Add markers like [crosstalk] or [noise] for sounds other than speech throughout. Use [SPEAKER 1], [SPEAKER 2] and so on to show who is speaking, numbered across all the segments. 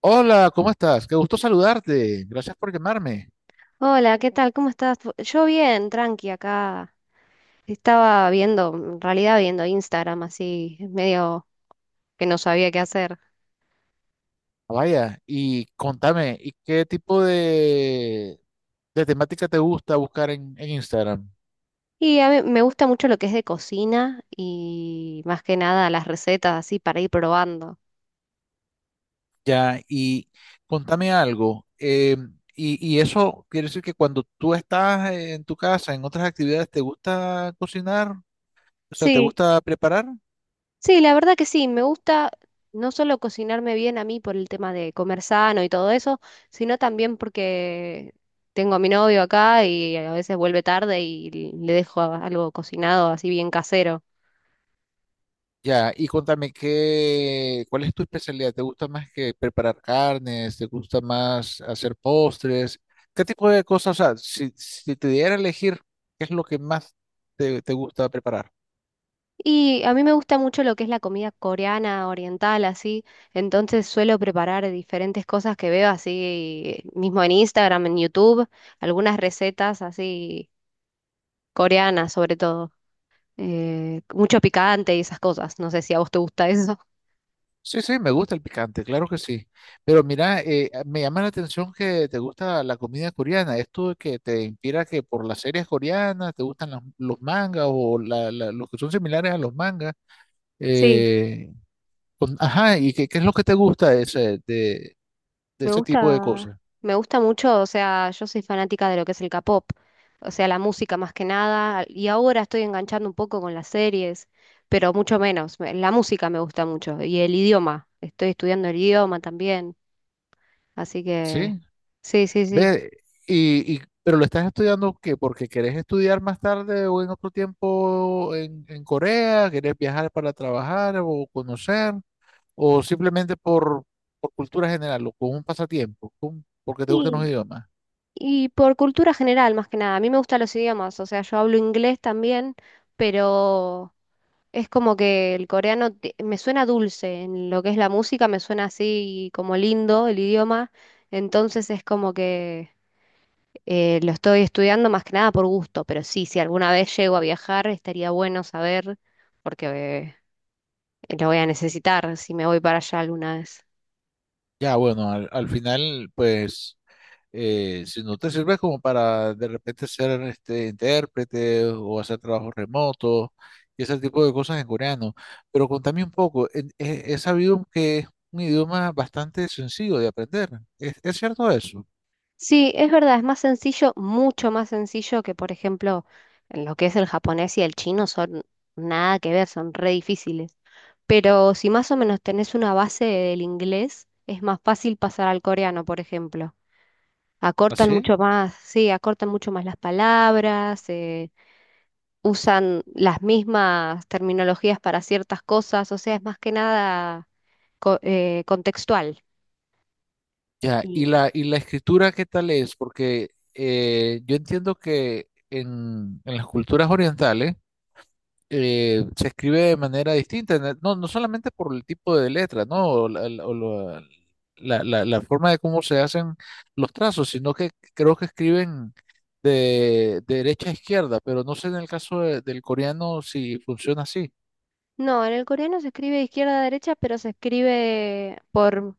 [SPEAKER 1] Hola, ¿cómo estás? Qué gusto saludarte. Gracias por llamarme.
[SPEAKER 2] Hola, ¿qué tal? ¿Cómo estás? Yo bien, tranqui acá. Estaba viendo, en realidad viendo Instagram así, medio que no sabía qué hacer.
[SPEAKER 1] Vaya, y contame, ¿y qué tipo de temática te gusta buscar en Instagram?
[SPEAKER 2] Y a mí me gusta mucho lo que es de cocina y más que nada las recetas así para ir probando.
[SPEAKER 1] Ya, y contame algo. Y, y eso quiere decir que cuando tú estás en tu casa, en otras actividades, ¿te gusta cocinar? O sea, ¿te
[SPEAKER 2] Sí,
[SPEAKER 1] gusta preparar?
[SPEAKER 2] sí, la verdad que sí, me gusta no solo cocinarme bien a mí por el tema de comer sano y todo eso, sino también porque tengo a mi novio acá y a veces vuelve tarde y le dejo algo cocinado así bien casero.
[SPEAKER 1] Ya, y contame qué, ¿cuál es tu especialidad? ¿Te gusta más que preparar carnes? ¿Te gusta más hacer postres? ¿Qué tipo de cosas? O sea, si te diera a elegir, ¿qué es lo que más te gusta preparar?
[SPEAKER 2] Y a mí me gusta mucho lo que es la comida coreana, oriental, así. Entonces suelo preparar diferentes cosas que veo así, mismo en Instagram, en YouTube, algunas recetas así coreanas sobre todo. Mucho picante y esas cosas. No sé si a vos te gusta eso.
[SPEAKER 1] Sí, sí, me gusta el picante, claro que sí. Pero mira, me llama la atención que te gusta la comida coreana. ¿Esto que te inspira que por las series coreanas te gustan los mangas o los que son similares a los mangas?
[SPEAKER 2] Sí.
[SPEAKER 1] Eh, ajá, ¿y qué, qué es lo que te gusta ese de ese tipo de cosas,
[SPEAKER 2] Me gusta mucho, o sea, yo soy fanática de lo que es el K-pop, o sea, la música más que nada, y ahora estoy enganchando un poco con las series, pero mucho menos. La música me gusta mucho y el idioma, estoy estudiando el idioma también, así que
[SPEAKER 1] ¿sí?
[SPEAKER 2] sí, sí, sí.
[SPEAKER 1] Ve, pero lo estás estudiando ¿qué? Porque querés estudiar más tarde o en otro tiempo en Corea, querés viajar para trabajar o conocer, o simplemente por cultura general o con un pasatiempo, porque te gustan los
[SPEAKER 2] Y,
[SPEAKER 1] idiomas.
[SPEAKER 2] y por cultura general, más que nada, a mí me gustan los idiomas, o sea, yo hablo inglés también, pero es como que el coreano me suena dulce, en lo que es la música me suena así como lindo el idioma, entonces es como que lo estoy estudiando más que nada por gusto, pero sí, si alguna vez llego a viajar estaría bueno saber porque lo voy a necesitar si me voy para allá alguna vez.
[SPEAKER 1] Ya, bueno, al final, pues si no te sirve como para de repente ser este, intérprete o hacer trabajos remotos y ese tipo de cosas en coreano. Pero contame un poco, he sabido que es un idioma bastante sencillo de aprender. Es cierto eso?
[SPEAKER 2] Sí, es verdad, es más sencillo, mucho más sencillo que por ejemplo en lo que es el japonés y el chino son nada que ver, son re difíciles. Pero si más o menos tenés una base del inglés, es más fácil pasar al coreano, por ejemplo. Acortan
[SPEAKER 1] ¿Así?
[SPEAKER 2] mucho más, sí, acortan mucho más las palabras, usan las mismas terminologías para ciertas cosas, o sea, es más que nada contextual.
[SPEAKER 1] Ya, y
[SPEAKER 2] Y
[SPEAKER 1] y la escritura, ¿qué tal es? Porque yo entiendo que en las culturas orientales, se escribe de manera distinta, no, no solamente por el tipo de letra, ¿no? O la forma de cómo se hacen los trazos, sino que creo que escriben de derecha a izquierda, pero no sé en el caso del coreano si funciona así.
[SPEAKER 2] no, en el coreano se escribe de izquierda a derecha, pero se escribe por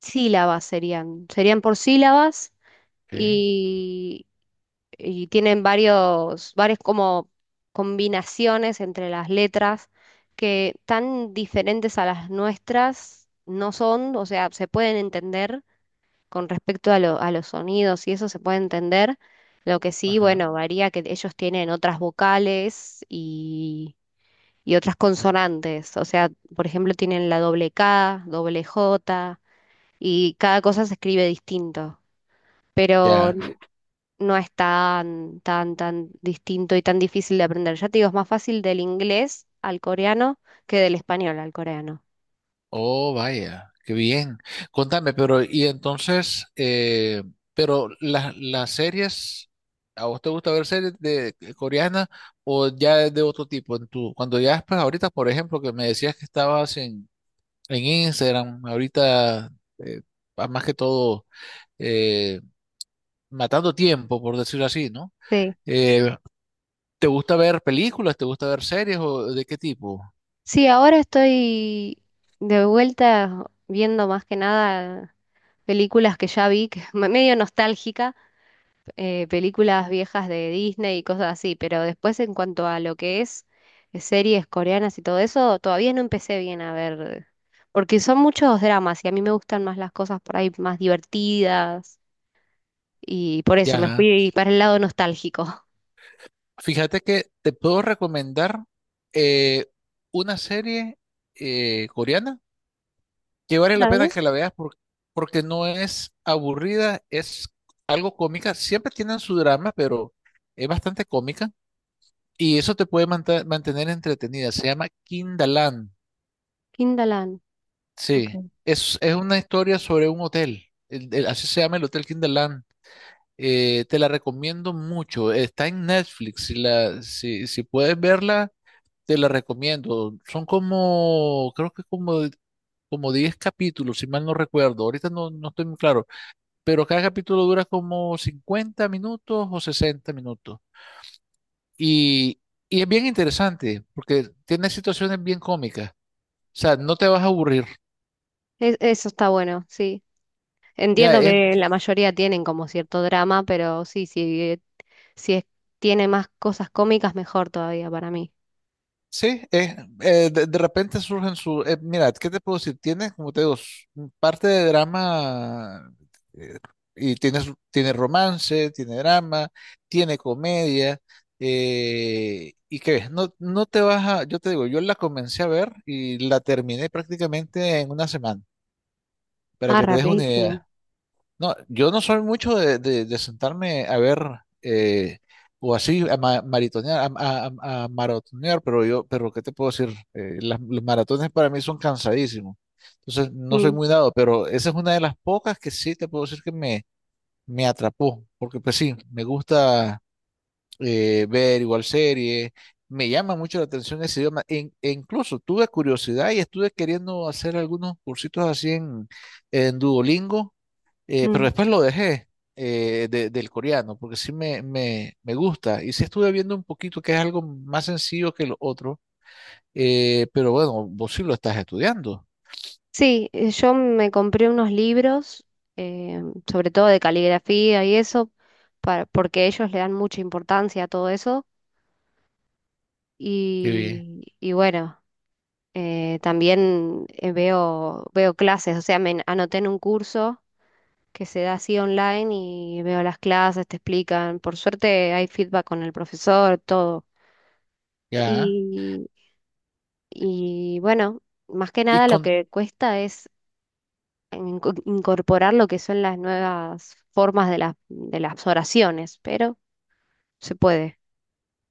[SPEAKER 2] sílabas serían, serían por sílabas
[SPEAKER 1] Ok.
[SPEAKER 2] y y tienen varias como combinaciones entre las letras que tan diferentes a las nuestras no son, o sea, se pueden entender con respecto a los sonidos y eso se puede entender. Lo que sí,
[SPEAKER 1] Ajá.
[SPEAKER 2] bueno, varía que ellos tienen otras vocales y otras consonantes. O sea, por ejemplo, tienen la doble K, doble J y cada cosa se escribe distinto. Pero
[SPEAKER 1] Ya.
[SPEAKER 2] no es tan distinto y tan difícil de aprender. Ya te digo, es más fácil del inglés al coreano que del español al coreano.
[SPEAKER 1] Oh, vaya, qué bien. Contame, pero y entonces, pero las series, ¿a vos te gusta ver series de coreanas o ya es de otro tipo? En tu, cuando ya pues ahorita, por ejemplo, que me decías que estabas en Instagram, ahorita eh, más que todo eh, matando tiempo, por decirlo así, ¿no?
[SPEAKER 2] Sí.
[SPEAKER 1] Eh, ¿Te gusta ver películas? ¿Te gusta ver series o de qué tipo?
[SPEAKER 2] Sí, ahora estoy de vuelta viendo más que nada películas que ya vi, que [laughs] medio nostálgica, películas viejas de Disney y cosas así, pero después en cuanto a lo que es series coreanas y todo eso, todavía no empecé bien a ver, porque son muchos dramas y a mí me gustan más las cosas por ahí más divertidas. Y por eso me
[SPEAKER 1] Ya.
[SPEAKER 2] fui para el lado nostálgico.
[SPEAKER 1] Fíjate que te puedo recomendar eh, una serie coreana que vale la pena
[SPEAKER 2] Dale.
[SPEAKER 1] que la veas porque no es aburrida, es algo cómica. Siempre tienen su drama, pero es bastante cómica y eso te puede mantener entretenida. Se llama Kindaland.
[SPEAKER 2] Kindaland, ok.
[SPEAKER 1] Sí, es una historia sobre un hotel. Así se llama el Hotel Kindaland. Te la recomiendo mucho. Está en Netflix. Si puedes verla. Te la recomiendo. Creo que como 10 capítulos, si mal no recuerdo. Ahorita no, no estoy muy claro. Pero cada capítulo dura como 50 minutos o 60 minutos. Y, y es bien interesante porque tiene situaciones bien cómicas. O sea, no te vas a aburrir.
[SPEAKER 2] Es- eso está bueno, sí.
[SPEAKER 1] Ya,
[SPEAKER 2] Entiendo
[SPEAKER 1] es,
[SPEAKER 2] que la mayoría tienen como cierto drama, pero sí, sí, si es- tiene más cosas cómicas, mejor todavía para mí.
[SPEAKER 1] Sí, es, De repente surgen mira, ¿qué te puedo decir? Tiene, como te digo, parte de drama eh, y tiene, tiene romance, tiene drama, tiene comedia. ¿Y qué ves? No, no te vas a... Yo te digo, yo la comencé a ver y la terminé prácticamente en una semana, para
[SPEAKER 2] Ah,
[SPEAKER 1] que te des una
[SPEAKER 2] rapidísimo.
[SPEAKER 1] idea. No, yo no soy mucho de sentarme a ver eh, o así a maratonear, a maratonear, pero yo, pero ¿qué te puedo decir? Los maratones para mí son cansadísimos. Entonces no soy
[SPEAKER 2] Mm.
[SPEAKER 1] muy dado, pero esa es una de las pocas que sí te puedo decir que me atrapó, porque pues sí, me gusta ver igual series, me llama mucho la atención ese idioma, e incluso tuve curiosidad y estuve queriendo hacer algunos cursitos así en Duolingo, pero
[SPEAKER 2] mm.
[SPEAKER 1] después lo dejé del coreano, porque sí me gusta. Y sí estuve viendo un poquito que es algo más sencillo que lo otro. Pero bueno, vos sí lo estás estudiando.
[SPEAKER 2] Sí, yo me compré unos libros, eh, sobre todo de caligrafía y eso, para, porque ellos le dan mucha importancia a todo eso.
[SPEAKER 1] Qué bien.
[SPEAKER 2] Y bueno, también veo clases, o sea, anoté en un curso que se da así online y veo las clases, te explican. Por suerte hay feedback con el profesor, todo.
[SPEAKER 1] Ya.
[SPEAKER 2] Y, y bueno, más que
[SPEAKER 1] Y
[SPEAKER 2] nada lo
[SPEAKER 1] con,
[SPEAKER 2] que cuesta es en- incorporar lo que son las nuevas formas de las oraciones, pero se puede.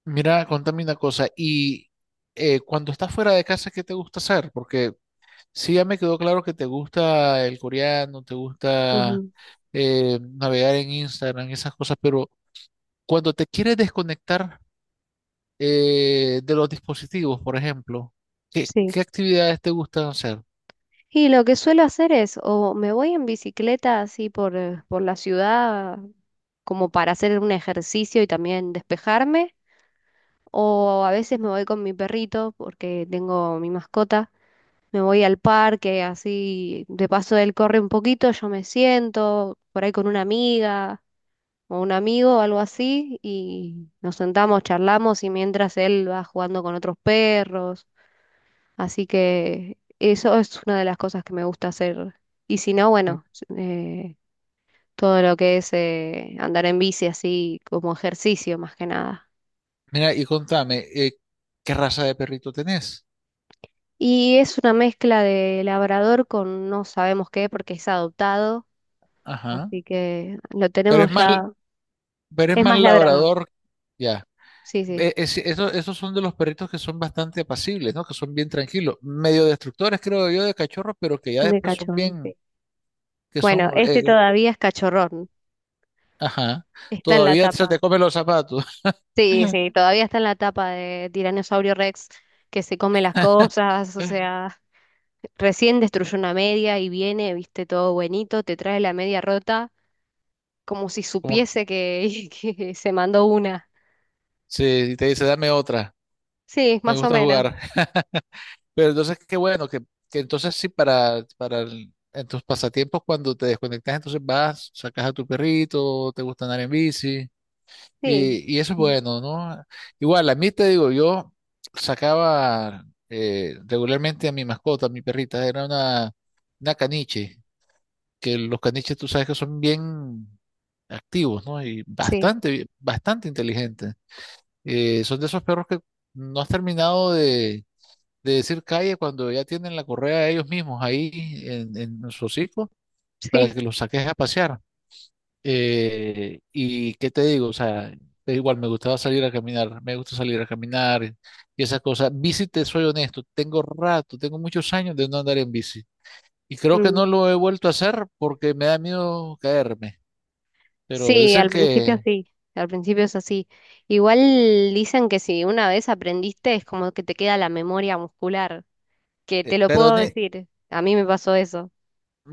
[SPEAKER 1] Mira, contame una cosa. Cuando estás fuera de casa, ¿qué te gusta hacer? Porque sí ya me quedó claro que te gusta el coreano, te gusta
[SPEAKER 2] Ujú.
[SPEAKER 1] navegar en Instagram, esas cosas, pero cuando te quieres desconectar de los dispositivos, por ejemplo, ¿qué,
[SPEAKER 2] Sí.
[SPEAKER 1] qué actividades te gustan hacer?
[SPEAKER 2] Y lo que suelo hacer es, o me voy en bicicleta así por la ciudad como para hacer un ejercicio y también despejarme. O a veces me voy con mi perrito porque tengo mi mascota. Me voy al parque, así de paso él corre un poquito, yo me siento por ahí con una amiga o un amigo o algo así y nos sentamos, charlamos y mientras él va jugando con otros perros. Así que eso es una de las cosas que me gusta hacer. Y si no,
[SPEAKER 1] M-
[SPEAKER 2] bueno, eh, todo lo que es andar en bici así como ejercicio más que nada.
[SPEAKER 1] Mira, y contame, ¿qué raza de perrito tenés?
[SPEAKER 2] Y es una mezcla de labrador con no sabemos qué porque es adoptado,
[SPEAKER 1] Ajá.
[SPEAKER 2] así que lo
[SPEAKER 1] Pero es
[SPEAKER 2] tenemos
[SPEAKER 1] más,
[SPEAKER 2] ya.
[SPEAKER 1] pero es
[SPEAKER 2] Es
[SPEAKER 1] más
[SPEAKER 2] más labrador.
[SPEAKER 1] labrador, ya.
[SPEAKER 2] Sí, sí.
[SPEAKER 1] Esos son de los perritos que son bastante apacibles, ¿no? Que son bien tranquilos, medio destructores, creo yo, de cachorros, pero que ya
[SPEAKER 2] De
[SPEAKER 1] después son
[SPEAKER 2] cachorro, sí.
[SPEAKER 1] bien, que
[SPEAKER 2] Bueno,
[SPEAKER 1] son,
[SPEAKER 2] este todavía es cachorrón.
[SPEAKER 1] ajá,
[SPEAKER 2] Está en la
[SPEAKER 1] todavía se
[SPEAKER 2] tapa.
[SPEAKER 1] te comen los zapatos.
[SPEAKER 2] Sí, sí, todavía está en la tapa de Tiranosaurio Rex que se come las cosas, o
[SPEAKER 1] [laughs]
[SPEAKER 2] sea, recién destruyó una media y viene, viste, todo buenito, te trae la media rota como si
[SPEAKER 1] Como
[SPEAKER 2] supiese que [laughs] que se mandó una.
[SPEAKER 1] si te dice, dame otra,
[SPEAKER 2] Sí,
[SPEAKER 1] me
[SPEAKER 2] más o
[SPEAKER 1] gusta
[SPEAKER 2] menos.
[SPEAKER 1] jugar. [laughs] Pero entonces, qué bueno, que entonces sí, para en tus pasatiempos, cuando te desconectas, entonces vas, sacas a tu perrito, te gusta andar en bici,
[SPEAKER 2] Sí.
[SPEAKER 1] y eso es
[SPEAKER 2] Ujú.
[SPEAKER 1] bueno, ¿no? Igual, a mí te digo, yo sacaba regularmente a mi mascota, a mi perrita, era una caniche, que los caniches tú sabes que son bien activos, ¿no? Y
[SPEAKER 2] Sí,
[SPEAKER 1] bastante inteligentes. Son de esos perros que no has terminado de decir calle cuando ya tienen la correa ellos mismos ahí en su hocico
[SPEAKER 2] [laughs]
[SPEAKER 1] para
[SPEAKER 2] sí.
[SPEAKER 1] que los saques a pasear. Y qué te digo, o sea, es igual me gustaba salir a caminar, me gusta salir a caminar y esas cosas. Bici, te soy honesto, tengo rato, tengo muchos años de no andar en bici. Y creo que
[SPEAKER 2] Mm.
[SPEAKER 1] no lo he vuelto a hacer porque me da miedo caerme. Pero dicen que,
[SPEAKER 2] Sí. Al principio es así. Igual dicen que si una vez aprendiste es como que te queda la memoria muscular, que te lo
[SPEAKER 1] pero
[SPEAKER 2] puedo
[SPEAKER 1] ne-
[SPEAKER 2] decir. A mí me pasó eso.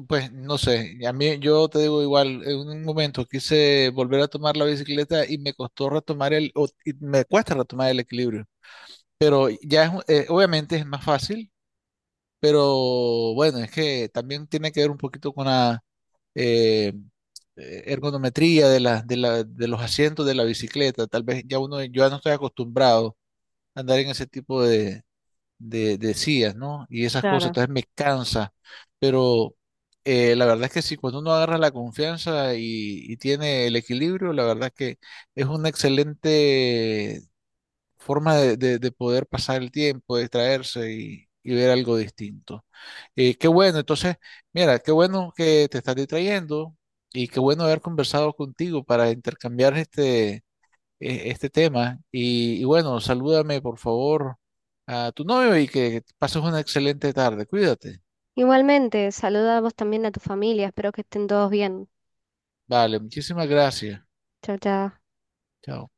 [SPEAKER 1] Pues no sé, a mí yo te digo igual, en un momento quise volver a tomar la bicicleta y me costó retomar el, o- y me cuesta retomar el equilibrio, pero ya es, obviamente es más fácil, pero bueno, es que también tiene que ver un poquito con la eh, ergonometría de de los asientos de la bicicleta, tal vez ya uno, yo ya no estoy acostumbrado a andar en ese tipo de, decías, ¿no? Y esas cosas,
[SPEAKER 2] Claro.
[SPEAKER 1] entonces me cansa, pero la verdad es que sí, cuando uno agarra la confianza y tiene el equilibrio, la verdad es que es una excelente forma de poder pasar el tiempo, distraerse y ver algo distinto. Qué bueno, entonces, mira, qué bueno que te estás distrayendo y qué bueno haber conversado contigo para intercambiar este este tema. Y bueno, salúdame por favor a tu novio y que pases una excelente tarde. Cuídate.
[SPEAKER 2] Igualmente, saluda a vos también a tu familia. Espero que estén todos bien.
[SPEAKER 1] Vale, muchísimas gracias.
[SPEAKER 2] Chao, chao.
[SPEAKER 1] Chao.